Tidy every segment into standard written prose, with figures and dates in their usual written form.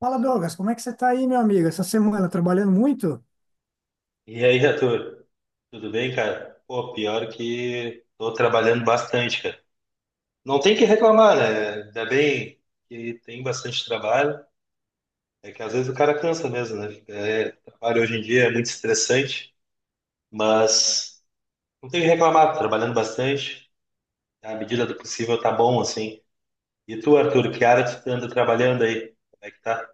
Fala, Douglas, como é que você está aí, meu amigo? Essa semana trabalhando muito? E aí, Arthur, tudo bem, cara? Pô, pior que tô trabalhando bastante, cara. Não tem que reclamar, né? Ainda bem que tem bastante trabalho. É que às vezes o cara cansa mesmo, né? É, trabalho hoje em dia é muito estressante, mas não tem que reclamar, tô trabalhando bastante. À medida do possível tá bom, assim. E tu, Arthur, que área tu anda trabalhando aí? Como é que tá?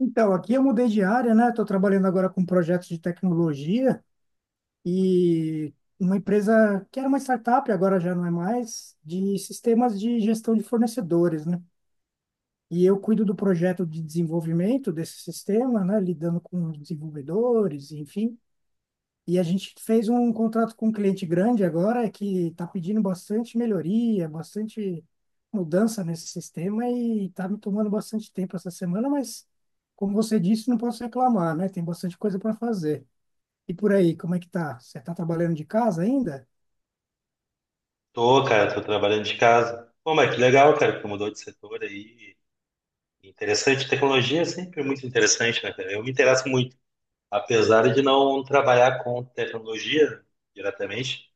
Então, aqui eu mudei de área, né? Estou trabalhando agora com projetos de tecnologia e uma empresa que era uma startup, agora já não é mais, de sistemas de gestão de fornecedores, né? E eu cuido do projeto de desenvolvimento desse sistema, né? Lidando com os desenvolvedores, enfim. E a gente fez um contrato com um cliente grande agora que está pedindo bastante melhoria, bastante mudança nesse sistema e está me tomando bastante tempo essa semana, mas como você disse, não posso reclamar, né? Tem bastante coisa para fazer. E por aí, como é que tá? Você está trabalhando de casa ainda? Tô, cara, tô trabalhando de casa. Pô, mas que legal, cara, que tu mudou de setor aí. Interessante, tecnologia é sempre muito interessante, né, cara? Eu me interesso muito. Apesar de não trabalhar com tecnologia diretamente,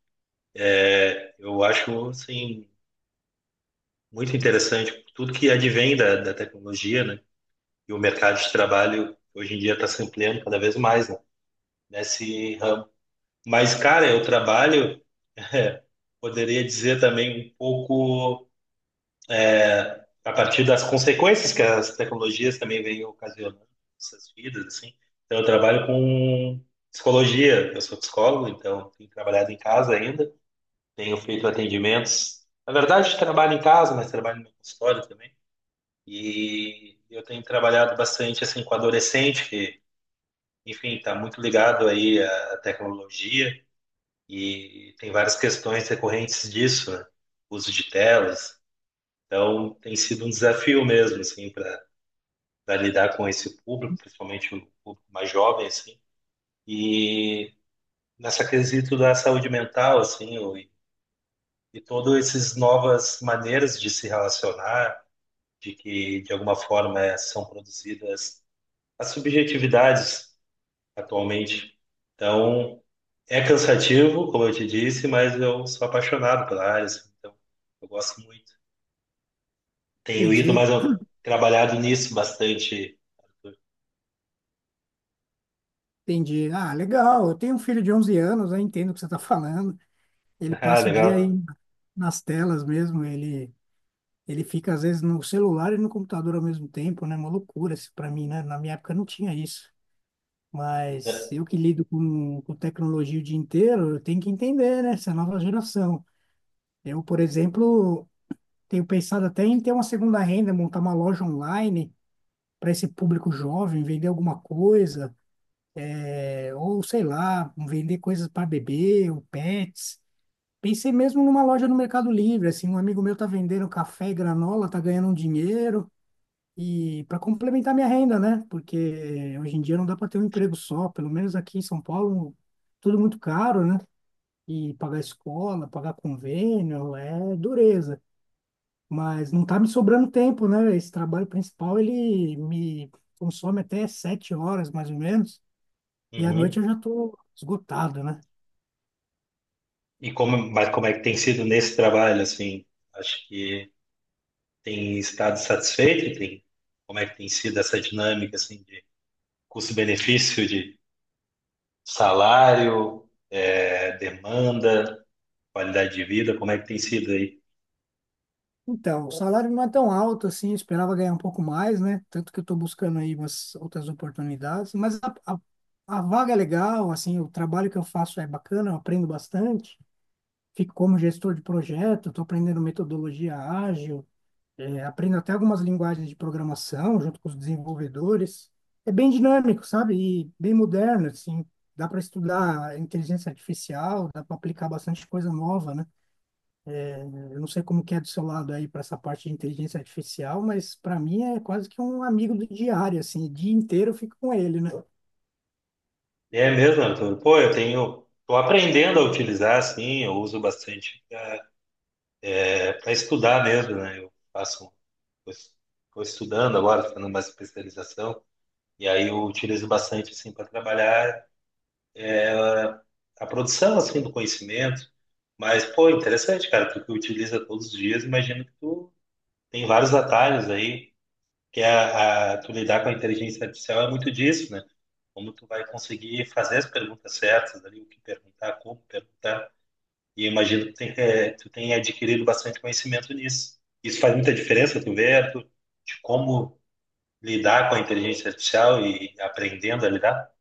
eu acho, assim, muito interessante tudo que advém da tecnologia, né? E o mercado de trabalho hoje em dia está se ampliando cada vez mais, né? Nesse ramo. Mas, cara, eu trabalho, poderia dizer também um pouco a partir das consequências que as tecnologias também vêm ocasionando nessas vidas, assim. Então, eu trabalho com psicologia, eu sou psicólogo, então tenho trabalhado em casa ainda, tenho feito atendimentos. Na verdade, trabalho em casa, mas trabalho no meu consultório também. E eu tenho trabalhado bastante assim com adolescente, que, enfim, está muito ligado aí à tecnologia e tem várias questões recorrentes disso, né? Uso de telas. Então, tem sido um desafio mesmo, assim, para lidar com esse público, principalmente o público mais jovem, assim. E nessa quesito da saúde mental, assim, e todas essas novas maneiras de se relacionar, de que, de alguma forma, são produzidas as subjetividades atualmente. Então, é cansativo, como eu te disse, mas eu sou apaixonado pela área, assim, então eu gosto muito. Tenho ido, Entendi, mas eu trabalhado nisso bastante. Arthur. entendi. Ah, legal. Eu tenho um filho de 11 anos, eu entendo o que você está falando. Ele Ah, passa o dia legal. aí nas telas mesmo, ele fica, às vezes, no celular e no computador ao mesmo tempo, né? Uma loucura isso pra mim, né? Na minha época não tinha isso. Mas É. eu que lido com tecnologia o dia inteiro, eu tenho que entender, né? Essa nova geração. Eu, por exemplo, tenho pensado até em ter uma segunda renda, montar uma loja online para esse público jovem, vender alguma coisa, é, ou sei lá, vender coisas para bebê ou pets. Pensei mesmo numa loja no Mercado Livre, assim, um amigo meu tá vendendo café e granola, tá ganhando um dinheiro. E para complementar minha renda, né? Porque hoje em dia não dá para ter um emprego só, pelo menos aqui em São Paulo, tudo muito caro, né? E pagar escola, pagar convênio, é dureza. Mas não tá me sobrando tempo, né? Esse trabalho principal, ele me consome até 7 horas, mais ou menos. E à noite Uhum. eu já tô esgotado, né? E como, mas como é que tem sido nesse trabalho, assim? Acho que tem estado satisfeito, tem, como é que tem sido essa dinâmica, assim, de custo-benefício, de salário, é, demanda, qualidade de vida, como é que tem sido aí? Então, o salário não é tão alto assim, eu esperava ganhar um pouco mais, né? Tanto que eu estou buscando aí umas outras oportunidades, mas a vaga é legal, assim, o trabalho que eu faço é bacana, eu aprendo bastante, fico como gestor de projeto, estou aprendendo metodologia ágil, é, aprendo até algumas linguagens de programação junto com os desenvolvedores. É bem dinâmico, sabe? E bem moderno, assim, dá para estudar inteligência artificial, dá para aplicar bastante coisa nova, né? Eu não sei como que é do seu lado aí para essa parte de inteligência artificial, mas para mim é quase que um amigo do diário, assim, o dia inteiro eu fico com ele, né? É mesmo, Arthur? Pô, eu tenho, tô aprendendo a utilizar, assim, eu uso bastante para estudar mesmo, né? Eu faço, estou estudando agora, fazendo mais especialização, e aí eu utilizo bastante, assim, para trabalhar a produção, assim, do conhecimento. Mas, pô, interessante, cara. Tu que utiliza todos os dias, imagino que tu tem vários atalhos aí, que é tu lidar com a inteligência artificial é muito disso, né? Como tu vai conseguir fazer as perguntas certas ali, o que perguntar, como perguntar. E eu imagino que tem, tu tem adquirido bastante conhecimento nisso. Isso faz muita diferença, tu vê, Arthur, de como lidar com a inteligência artificial e aprendendo a lidar?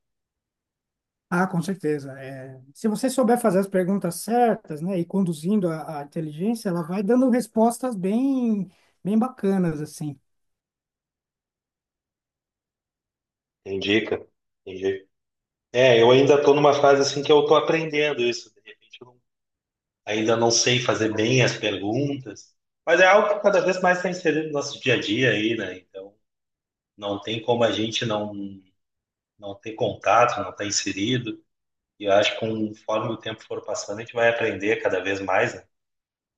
Ah, com certeza. É, se você souber fazer as perguntas certas, né, e conduzindo a inteligência, ela vai dando respostas bem, bem bacanas, assim. Indica, é, eu ainda estou numa fase assim que eu estou aprendendo isso. De repente, eu não- ainda não sei fazer bem as perguntas, mas é algo que cada vez mais está inserido no nosso dia a dia aí, né? Então, não tem como a gente não não ter contato, não estar inserido. E eu acho que conforme o tempo for passando, a gente vai aprender cada vez mais, né?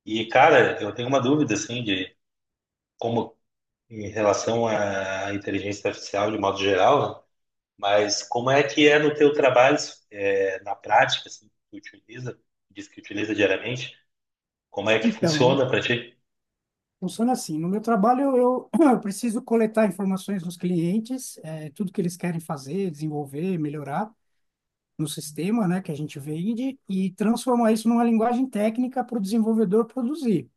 E, cara, eu tenho uma dúvida assim de como em relação à inteligência artificial de modo geral, né? Mas como é que é no teu trabalho, é, na prática, assim, que tu utiliza, diz que utiliza diariamente, como é que Então, funciona para ti? funciona assim. No meu trabalho, eu, eu preciso coletar informações dos clientes, é, tudo que eles querem fazer, desenvolver, melhorar. No sistema, né, que a gente vende e transformar isso numa linguagem técnica para o desenvolvedor produzir.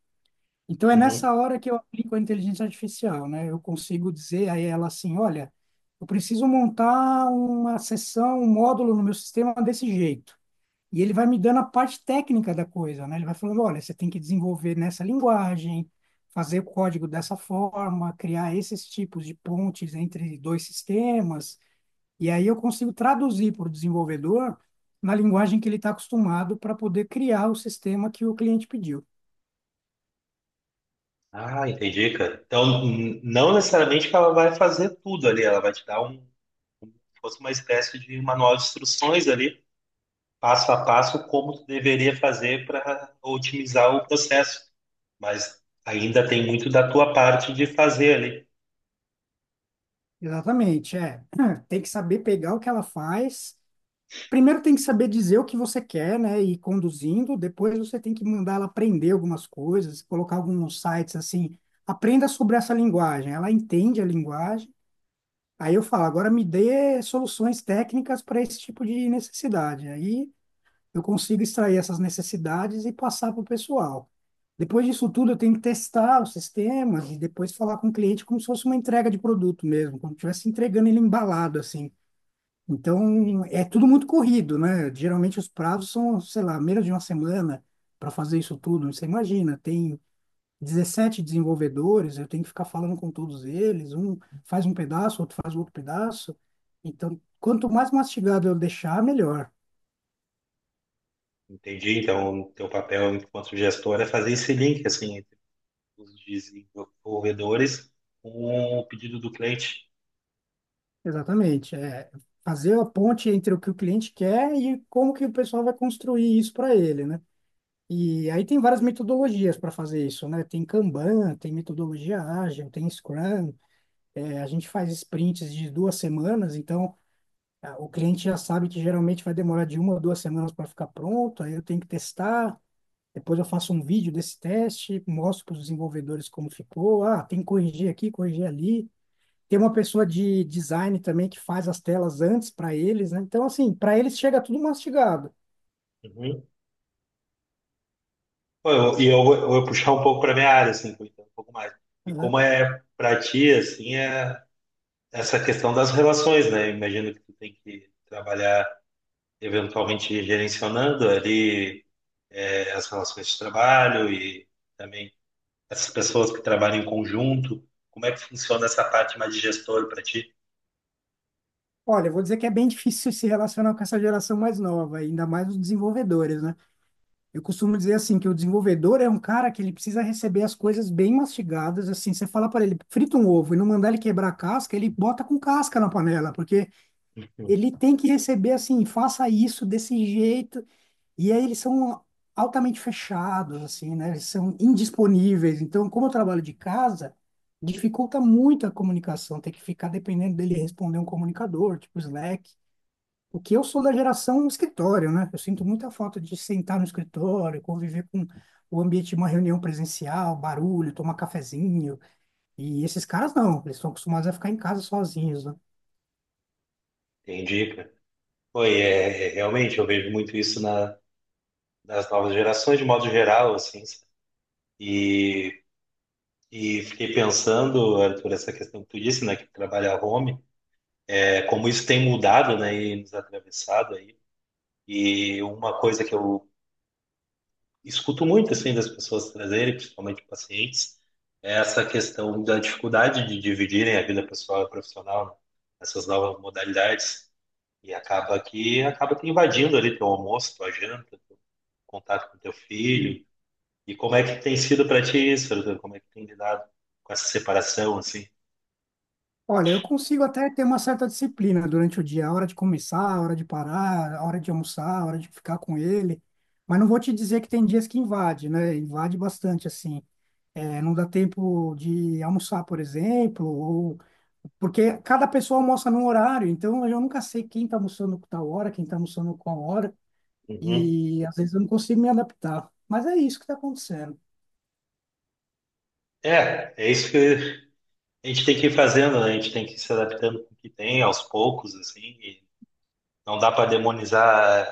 Então é Uhum. nessa hora que eu aplico a inteligência artificial, né? Eu consigo dizer a ela assim, olha, eu preciso montar uma seção, um módulo no meu sistema desse jeito. E ele vai me dando a parte técnica da coisa, né? Ele vai falando, olha, você tem que desenvolver nessa linguagem, fazer o código dessa forma, criar esses tipos de pontes entre dois sistemas. E aí eu consigo traduzir para o desenvolvedor na linguagem que ele está acostumado para poder criar o sistema que o cliente pediu. Ah, entendi, cara. Então, não necessariamente que ela vai fazer tudo ali, ela vai te dar um, se fosse uma espécie de manual de instruções ali, passo a passo, como tu deveria fazer para otimizar o processo. Mas ainda tem muito da tua parte de fazer ali. Exatamente, é. Tem que saber pegar o que ela faz. Primeiro tem que saber dizer o que você quer, né, e ir conduzindo. Depois você tem que mandar ela aprender algumas coisas, colocar alguns sites assim, aprenda sobre essa linguagem. Ela entende a linguagem. Aí eu falo, agora me dê soluções técnicas para esse tipo de necessidade. Aí eu consigo extrair essas necessidades e passar para o pessoal. Depois disso tudo, eu tenho que testar os sistemas e depois falar com o cliente como se fosse uma entrega de produto mesmo, como se estivesse entregando ele embalado, assim. Então, é tudo muito corrido, né? Geralmente os prazos são, sei lá, menos de uma semana para fazer isso tudo. Você imagina, tem 17 desenvolvedores, eu tenho que ficar falando com todos eles, um faz um pedaço, outro faz outro pedaço. Então, quanto mais mastigado eu deixar, melhor. Entendi. Então, o teu papel enquanto gestor é fazer esse link, assim, os desenvolvedores com o pedido do cliente. Exatamente. É fazer a ponte entre o que o cliente quer e como que o pessoal vai construir isso para ele, né? E aí tem várias metodologias para fazer isso, né? Tem Kanban, tem metodologia ágil, tem Scrum. É, a gente faz sprints de duas semanas, então o cliente já sabe que geralmente vai demorar de uma a duas semanas para ficar pronto, aí eu tenho que testar. Depois eu faço um vídeo desse teste, mostro para os desenvolvedores como ficou. Ah, tem que corrigir aqui, corrigir ali. Tem uma pessoa de design também que faz as telas antes para eles, né? Então, assim, para eles chega tudo mastigado. Uhum. Pô, e eu, vou puxar um pouco para minha área, assim, vou entrar um pouco mais. E Aham. como é para ti, assim, é essa questão das relações, né? Imagino que tu tem que trabalhar eventualmente gerenciando ali é, as relações de trabalho e também essas pessoas que trabalham em conjunto. Como é que funciona essa parte mais de gestor para ti? Olha, eu vou dizer que é bem difícil se relacionar com essa geração mais nova, ainda mais os desenvolvedores, né? Eu costumo dizer assim que o desenvolvedor é um cara que ele precisa receber as coisas bem mastigadas, assim, você falar para ele, frita um ovo e não mandar ele quebrar a casca, ele bota com casca na panela, porque Uhum. ele tem que receber assim, faça isso desse jeito. E aí eles são altamente fechados, assim, né? Eles são indisponíveis. Então, como eu trabalho de casa, dificulta muito a comunicação, ter que ficar dependendo dele responder um comunicador, tipo Slack. O que eu sou da geração escritório, né? Eu sinto muita falta de sentar no escritório, conviver com o ambiente de uma reunião presencial, barulho, tomar cafezinho. E esses caras não, eles estão acostumados a ficar em casa sozinhos, né? Entendi, cara. Foi, é, é, realmente, eu vejo muito isso na das novas gerações, de modo geral, assim. Sabe? E, e fiquei pensando, Arthur, essa questão que tu disse, né, que trabalha home, é, como isso tem mudado, né, e nos atravessado aí. E uma coisa que eu escuto muito, assim, das pessoas trazerem, principalmente pacientes, é essa questão da dificuldade de dividirem a vida pessoal e profissional, né, essas novas modalidades. E acaba que acaba te invadindo ali teu almoço, tua janta, teu contato com teu filho, e como é que tem sido para ti isso, Arthur? Como é que tem lidado com essa separação, assim? Olha, eu consigo até ter uma certa disciplina durante o dia, a hora de começar, a hora de parar, a hora de almoçar, a hora de ficar com ele. Mas não vou te dizer que tem dias que invade, né? Invade bastante, assim. É, não dá tempo de almoçar, por exemplo, ou porque cada pessoa almoça num horário, então eu nunca sei quem está almoçando com tal hora, quem está almoçando com qual hora, Uhum. e às vezes eu não consigo me adaptar. Mas é isso que está acontecendo. É, é isso que a gente tem que ir fazendo, né? A gente tem que ir se adaptando com o que tem, aos poucos, assim. E não dá para demonizar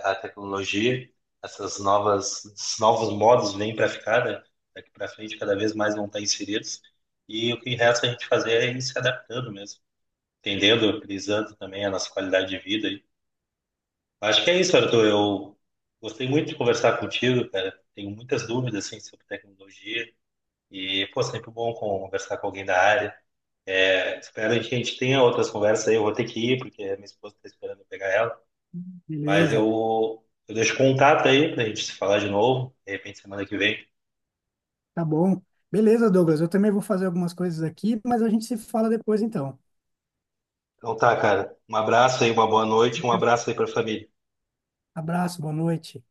a tecnologia. Esses novos modos vêm para ficar, né? Daqui para frente, cada vez mais vão estar inseridos. E o que resta a gente fazer é ir se adaptando mesmo, entendendo, priorizando também a nossa qualidade de vida. Acho que é isso, Arthur. Eu gostei muito de conversar contigo, cara. Tenho muitas dúvidas, assim, sobre tecnologia. E, pô, sempre bom conversar com alguém da área. É, espero que a gente tenha outras conversas aí. Eu vou ter que ir, porque a minha esposa está esperando eu pegar ela. Mas Beleza, eu deixo contato aí pra gente se falar de novo, de repente semana que vem. tá bom. Beleza, Douglas, eu também vou fazer algumas coisas aqui, mas a gente se fala depois então. Então tá, cara. Um abraço aí, uma boa noite, um abraço aí pra família. Abraço, boa noite.